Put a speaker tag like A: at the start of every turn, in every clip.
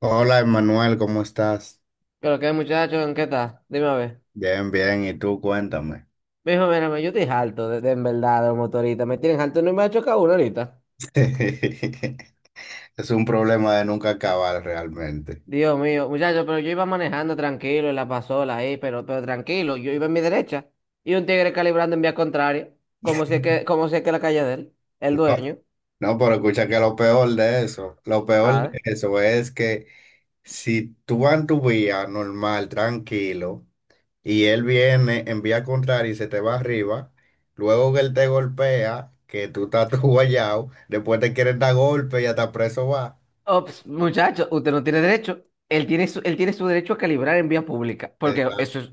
A: Hola, Emanuel, ¿cómo estás?
B: Pero que muchachos, ¿en qué estás? Dime a ver.
A: Bien, bien, ¿y tú? Cuéntame.
B: Mijo, mírame, yo estoy harto, en verdad, de los motoristas. Me tienen harto, no me ha chocado uno ahorita.
A: Es un problema de nunca acabar realmente.
B: Dios mío, muchachos, pero yo iba manejando tranquilo en la pasola ahí, pero tranquilo, yo iba en mi derecha. Y un tigre calibrando en vía contraria, como si es que la calle de él, el
A: No,
B: dueño.
A: no, pero escucha que lo peor de eso, lo peor
B: A
A: de
B: ver.
A: eso es que si tú vas en tu vía normal, tranquilo, y él viene en vía contraria y se te va arriba, luego que él te golpea, que tú estás tú guayao, después te quieren dar golpe y hasta preso va.
B: Ops, muchachos, usted no tiene derecho. Él tiene su derecho a calibrar en vía pública, porque eso es...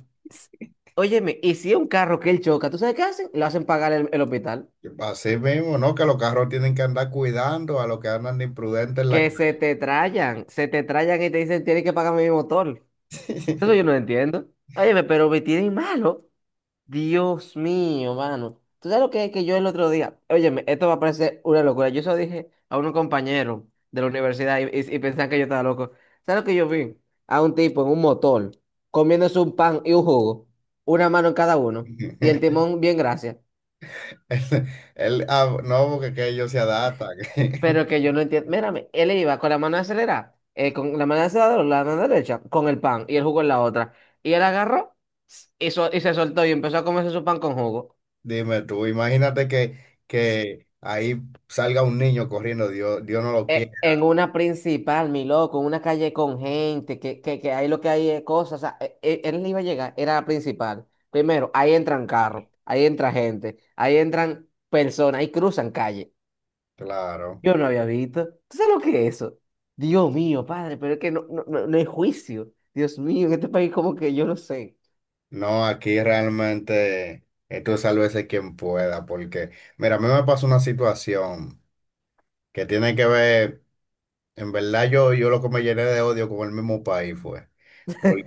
B: Óyeme, y si es un carro que él choca, ¿tú sabes qué hacen? Lo hacen pagar el hospital.
A: Así mismo, ¿no? Que los carros tienen que andar cuidando a los que andan de imprudentes en la
B: Que
A: calle.
B: se te trayan y te dicen tienes que pagarme mi motor. Eso yo no entiendo. Óyeme, pero me tienen malo. Dios mío, mano. ¿Tú sabes lo que es que yo el otro día? Óyeme, esto va a parecer una locura. Yo eso dije a un compañero de la universidad y pensaban que yo estaba loco. ¿Sabes lo que yo vi? A un tipo en un motor comiéndose un pan y un jugo, una mano en cada uno, y el timón bien gracias.
A: El- no, porque que ellos se adaptan.
B: Pero que yo no entiendo. Mírame, él iba con la mano acelerada, con la mano acelerada, la mano derecha, con el pan y el jugo en la otra. Y él agarró y se soltó y empezó a comerse su pan con jugo.
A: Dime tú, imagínate que ahí salga un niño corriendo, Dios, Dios no lo quiere.
B: En una principal, mi loco, en una calle con gente, que ahí lo que hay es cosas. O sea, él iba a llegar, era la principal. Primero, ahí entran carros, ahí entra gente, ahí entran personas, ahí cruzan calle.
A: Claro.
B: Yo no había visto. ¿Tú sabes lo que es eso? Dios mío, padre, pero es que no hay juicio. Dios mío, en este país como que yo no sé.
A: No, aquí realmente esto es sálvese quien pueda, porque mira, a mí me pasó una situación que tiene que ver, en verdad yo lo que me llené de odio con el mismo país fue.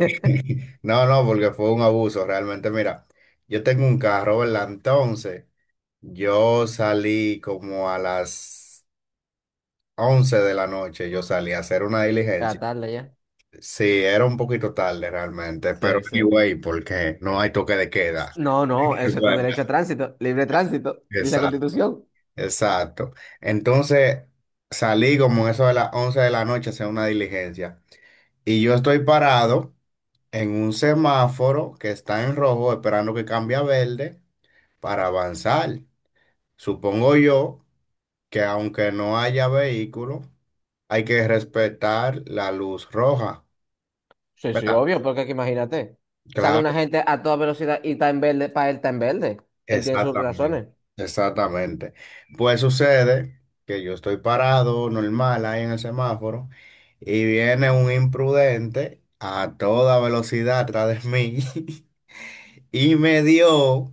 A: No, no, porque fue un abuso, realmente. Mira, yo tengo un carro, ¿verdad? Entonces, yo salí como a las 11 de la noche, yo salí a hacer una
B: A
A: diligencia.
B: tarde ya.
A: Sí, era un poquito tarde realmente, pero
B: Sí, sí.
A: anyway, porque no hay toque de queda.
B: No, no, eso es tu
A: Bueno,
B: derecho a tránsito, libre tránsito, dice la
A: exacto,
B: Constitución.
A: exacto. Entonces, salí como eso de las 11 de la noche a hacer una diligencia. Y yo estoy parado en un semáforo que está en rojo, esperando que cambie a verde, para avanzar. Supongo yo que aunque no haya vehículo, hay que respetar la luz roja,
B: Sí, sí,
A: ¿verdad?
B: obvio, porque aquí imagínate. Sale
A: Claro,
B: una gente a toda velocidad y está en verde, para él está en verde. Él tiene sus
A: exactamente,
B: razones.
A: exactamente. Pues sucede que yo estoy parado normal ahí en el semáforo y viene un imprudente a toda velocidad atrás de mí y me dio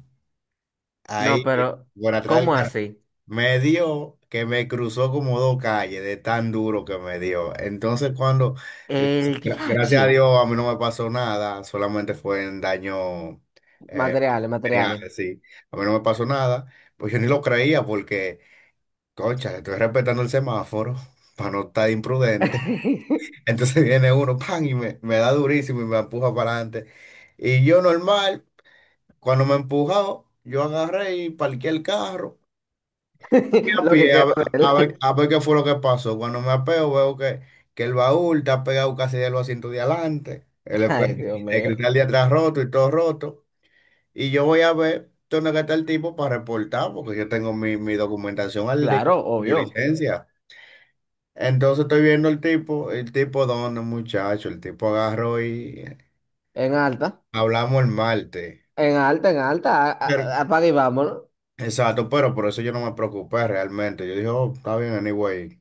B: No,
A: ahí,
B: pero,
A: por atrás. Del.
B: ¿cómo así?
A: Me dio que me cruzó como dos calles de tan duro que me dio. Entonces cuando, eh,
B: El
A: gracias a
B: DH.
A: Dios, a mí no me pasó nada, solamente fue en daño, eh,
B: Materiales,
A: material,
B: materiales.
A: sí. A mí no me pasó nada, pues yo ni lo creía porque, concha, estoy respetando el semáforo para no estar imprudente. Entonces viene uno, pan, y me da durísimo y me empuja para adelante. Y yo normal, cuando me empujó, yo agarré y parqué el carro. Y me
B: Lo que
A: apié a
B: queda
A: ver,
B: de
A: a ver-
B: él.
A: a ver qué fue lo que pasó. Cuando me apeo, veo que el baúl está pegado casi de los asientos de adelante,
B: Ay, Dios
A: el
B: mío.
A: cristal de atrás roto y todo roto. Y yo voy a ver dónde que está el tipo para reportar, porque yo tengo mi documentación al día,
B: Claro,
A: mi
B: obvio.
A: licencia. Entonces estoy viendo el tipo dónde, muchacho, el tipo agarró y
B: En alta,
A: hablamos el martes.
B: en alta. Apaga y vámonos.
A: Exacto, pero por eso yo no me preocupé realmente. Yo dije, oh, está bien, anyway.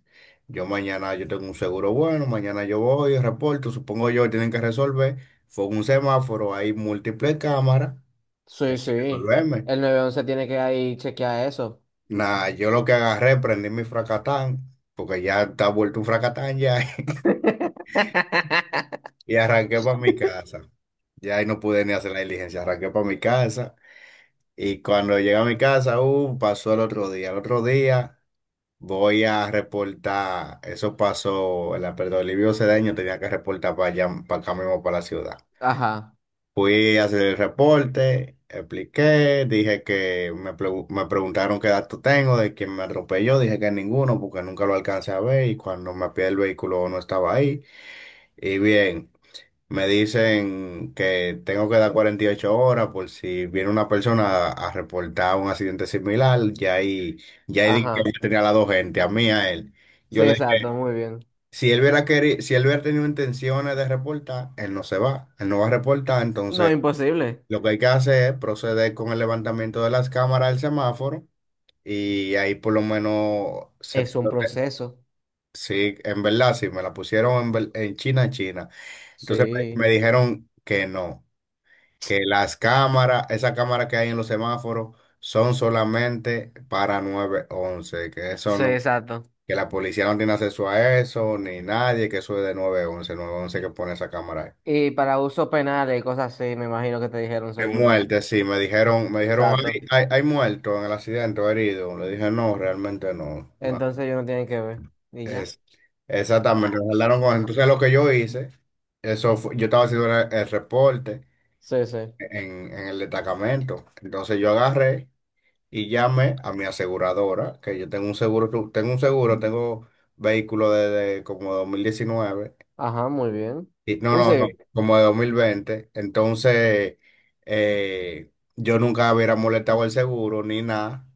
A: Yo mañana yo tengo un seguro bueno, mañana yo voy, reporto, supongo yo, tienen que resolver. Fue un semáforo, hay múltiples cámaras,
B: Sí, sí.
A: resolverme.
B: El 911 tiene que ahí chequear eso.
A: Nada, yo lo que agarré, prendí mi fracatán, porque ya está vuelto un fracatán ya, y arranqué para mi casa. Ya ahí no pude ni hacer la diligencia, arranqué para mi casa. Y cuando llegué a mi casa, pasó el otro día. El otro día. Voy a reportar, eso pasó, en la perdón, Livio Cedeño tenía que reportar para allá, para acá mismo, para la ciudad.
B: Ajá,
A: Fui a hacer el reporte, expliqué, dije que me, me preguntaron qué dato tengo de quién me atropelló, dije que ninguno porque nunca lo alcancé a ver y cuando me pide el vehículo no estaba ahí. Y bien. Me dicen que tengo que dar 48 horas por si viene una persona a reportar un accidente similar. Ya ahí dije que
B: ajá.
A: yo tenía a las dos gente, a mí y a él. Yo
B: Sí,
A: le
B: exacto,
A: dije,
B: muy bien.
A: si él hubiera querido, si él hubiera tenido intenciones de reportar, él no se va, él no va a reportar.
B: No,
A: Entonces,
B: imposible.
A: lo que hay que hacer es proceder con el levantamiento de las cámaras del semáforo y ahí por lo menos se...
B: Es un proceso.
A: Sí, en verdad, sí, me la pusieron en, en China, China. Entonces me
B: Sí.
A: me dijeron que no, que las cámaras, esas cámaras que hay en los semáforos, son solamente para 911, que eso
B: Sí,
A: no,
B: exacto.
A: que la policía no tiene acceso a eso, ni nadie, que eso es de nueve once que pone esa cámara ahí.
B: Y para usos penales y cosas así, me imagino que te dijeron
A: De
B: seguro.
A: muerte, sí, me dijeron, hay,
B: Exacto.
A: hay, hay muerto en el accidente o herido. Le dije, no, realmente no. No.
B: Entonces ellos no tienen que ver. ¿Y ya?
A: Es,
B: Ya.
A: exactamente,
B: Man.
A: entonces lo que yo hice, yo estaba haciendo el reporte
B: Sí, sí.
A: en el destacamento. Entonces yo agarré y llamé a mi aseguradora, que yo tengo un seguro, tengo vehículo desde como 2019
B: Ajá, muy bien.
A: y, no,
B: Un
A: no, no,
B: civil.
A: como de 2020. Entonces, eh, yo nunca hubiera molestado el seguro ni nada.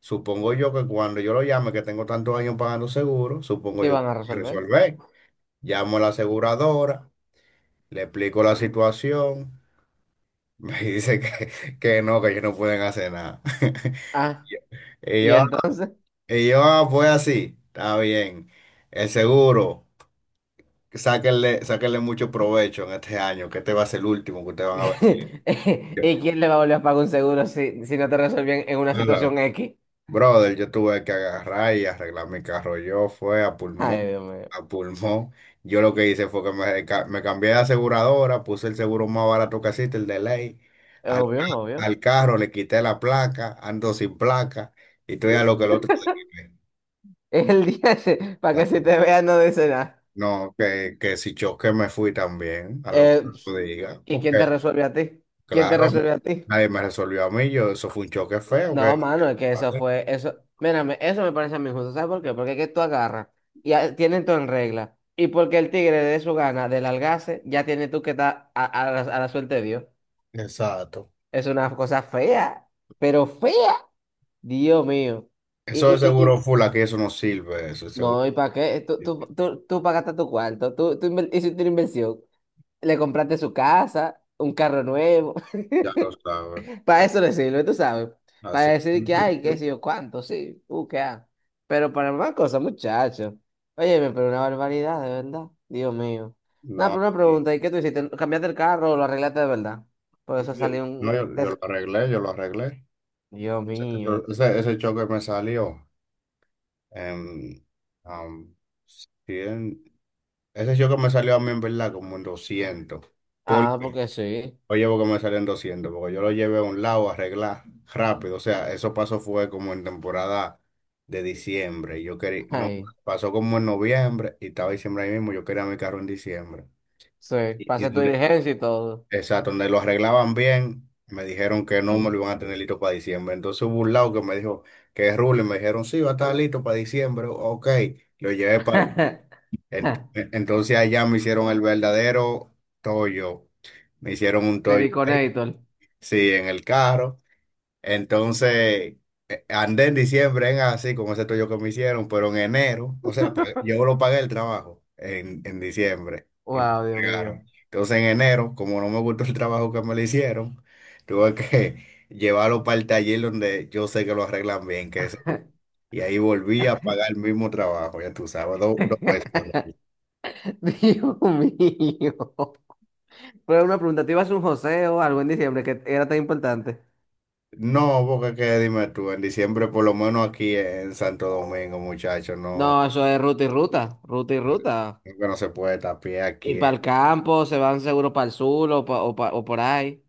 A: Supongo yo que cuando yo lo llame, que tengo tantos años pagando seguro, supongo
B: Te
A: yo
B: van a
A: que
B: resolver.
A: resolver. Llamo a la aseguradora, le explico la situación, me dice que no, que ellos no pueden hacer nada.
B: Ah.
A: Y
B: Y
A: yo,
B: entonces,
A: y yo, ah, pues así, está bien. El seguro, sáquenle, sáquenle mucho provecho en este año, que este va a ser el último que ustedes van a ver. Yo,
B: ¿y quién le va a volver a pagar un seguro si, si no te resuelven en una situación X?
A: brother, yo tuve que agarrar y arreglar mi carro. Yo fue a
B: Ay,
A: pulmón,
B: Dios mío.
A: a pulmón. Yo lo que hice fue que me cambié de aseguradora, puse el seguro más barato que existe, el de ley.
B: Es
A: Al,
B: obvio,
A: ca-
B: obvio.
A: Al carro le quité la placa, ando sin placa, y estoy a lo que el otro se quede.
B: Es el día ese, para que si te vean no dice nada.
A: No, que si choque me fui también, a lo que
B: Eh,
A: tú digas,
B: ¿Y
A: porque
B: quién te resuelve a ti? ¿Quién te
A: claro,
B: resuelve a ti?
A: nadie me resolvió a mí, yo, eso fue un choque feo, que
B: No, mano, es que eso fue, eso, mírame, eso me parece a mí injusto. ¿Sabes por qué? Porque es que tú agarras tienen todo en regla. Y porque el tigre de su gana, del algace, ya tiene tú que estar a la suerte de Dios.
A: exacto.
B: Es una cosa fea, pero fea. Dios mío. Y,
A: Eso de
B: y, y, y-
A: seguro full aquí, eso no sirve, eso de seguro,
B: no, ¿y para qué? Tú pagaste tu cuarto, hiciste una inversión, le compraste su casa, un carro nuevo,
A: ya lo sabes.
B: para eso le sirve, tú sabes, para
A: Así,
B: decir que, ay, qué sé yo, cuánto, sí, qué ah. Pero para más cosas, muchacho. Oye, pero una barbaridad, de verdad, Dios mío. No,
A: no,
B: pero una
A: y-
B: pregunta, ¿y qué tú hiciste? ¿Cambiaste el carro o lo arreglaste de verdad? Por
A: y
B: eso salió
A: no, yo lo arreglé, yo lo arreglé.
B: Dios
A: Ese,
B: mío.
A: ese choque me salió, en, am, 100, ese choque me salió a mí en verdad como en 200,
B: Ah,
A: porque
B: porque sí.
A: oye, porque me salen 200 porque yo lo llevé a un lado a arreglar rápido. O sea, eso pasó fue como en temporada de diciembre. Yo quería, no,
B: Ay,
A: pasó como en noviembre y estaba diciembre ahí mismo. Yo quería mi carro en diciembre.
B: sí,
A: Y, y
B: pasé tu
A: donde-
B: diligencia y todo.
A: exacto, donde lo arreglaban bien, me dijeron que no me lo iban a tener listo para diciembre. Entonces hubo un lado que me dijo que es ruling, me dijeron sí, va a estar listo para diciembre. Ok, lo llevé para allá. Ent- Entonces allá me hicieron el verdadero tollo. Me hicieron un tollo ahí.
B: Siliconator.
A: Sí, en el carro. Entonces, andé en diciembre en así, con ese tuyo que me hicieron, pero en enero, o sea, ah, yo lo pagué el trabajo en diciembre y me
B: Wow, Dios mío.
A: entregaron. Entonces, en enero, como no me gustó el trabajo que me le hicieron, tuve que llevarlo para el taller donde yo sé que lo arreglan bien, que es... Y ahí volví a pagar el mismo trabajo, ya tú sabes, dos veces.
B: Dios mío. Pero una pregunta, ¿te ibas a un joseo algo en diciembre que era tan importante?
A: No, porque qué, dime tú, en diciembre, por lo menos aquí en Santo Domingo, muchachos, no.
B: No, eso es ruta y ruta, ruta y ruta.
A: Creo que no se puede estar a pie
B: Y
A: aquí.
B: para el campo, se van seguro para el sur o, o por ahí.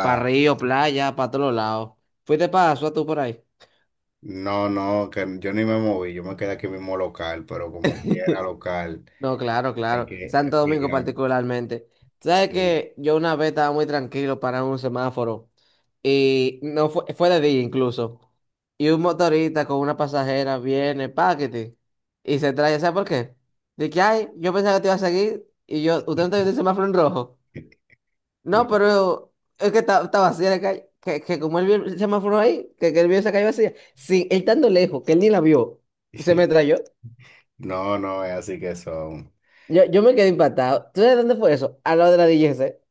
B: Para río, playa, para todos lados. ¿Fuiste para Azua tú por ahí?
A: no, no, que yo ni me moví, yo me quedé aquí mismo local, pero como quiera local,
B: No, claro,
A: hay
B: claro.
A: que
B: Santo Domingo
A: obligarme.
B: particularmente. Tú, ¿sabes
A: Sí.
B: que yo una vez estaba muy tranquilo para un semáforo y no fue, fue de día incluso. Y un motorista con una pasajera viene, paquete, y se trae, ¿sabes por qué? De que, ay, yo pensaba que te iba a seguir y yo, ¿usted no te vio el semáforo en rojo?
A: No,
B: No, pero es que está vacía la calle, que como él vio el semáforo ahí, que él vio esa calle vacía, sí, él estando lejos, que él ni la vio, se me trayó.
A: no, no, es así que son.
B: Yo me quedé impactado. ¿Tú sabes dónde fue eso? Al lado de la DGC.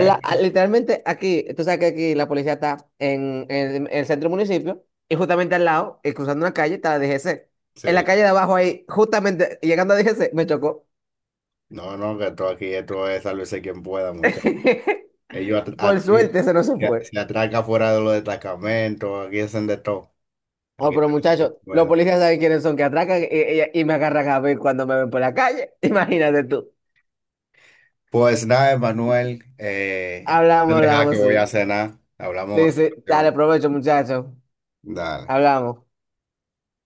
B: Literalmente aquí, tú sabes que aquí la policía está en el centro del municipio y justamente al lado, cruzando una calle, está la DGC. En la
A: Sí,
B: calle de abajo ahí, justamente llegando a DGC, me chocó.
A: no, no, que esto aquí, esto es sálvese quien pueda, muchachos.
B: Por
A: Aquí
B: suerte, ese no se
A: se,
B: fue.
A: se atraca fuera de los destacamentos, aquí hacen de todo.
B: Oh,
A: Aquí
B: pero
A: sálvese quien
B: muchachos, los
A: pueda.
B: policías saben quiénes son que atracan y, y me agarran a ver cuando me ven por la calle. Imagínate tú.
A: Pues nada, Emanuel, no
B: Hablamos,
A: te deja que
B: hablamos,
A: voy a
B: sí.
A: cenar. Hablamos en
B: Sí,
A: otra
B: sí.
A: ocasión.
B: Dale, provecho, muchachos.
A: Dale.
B: Hablamos.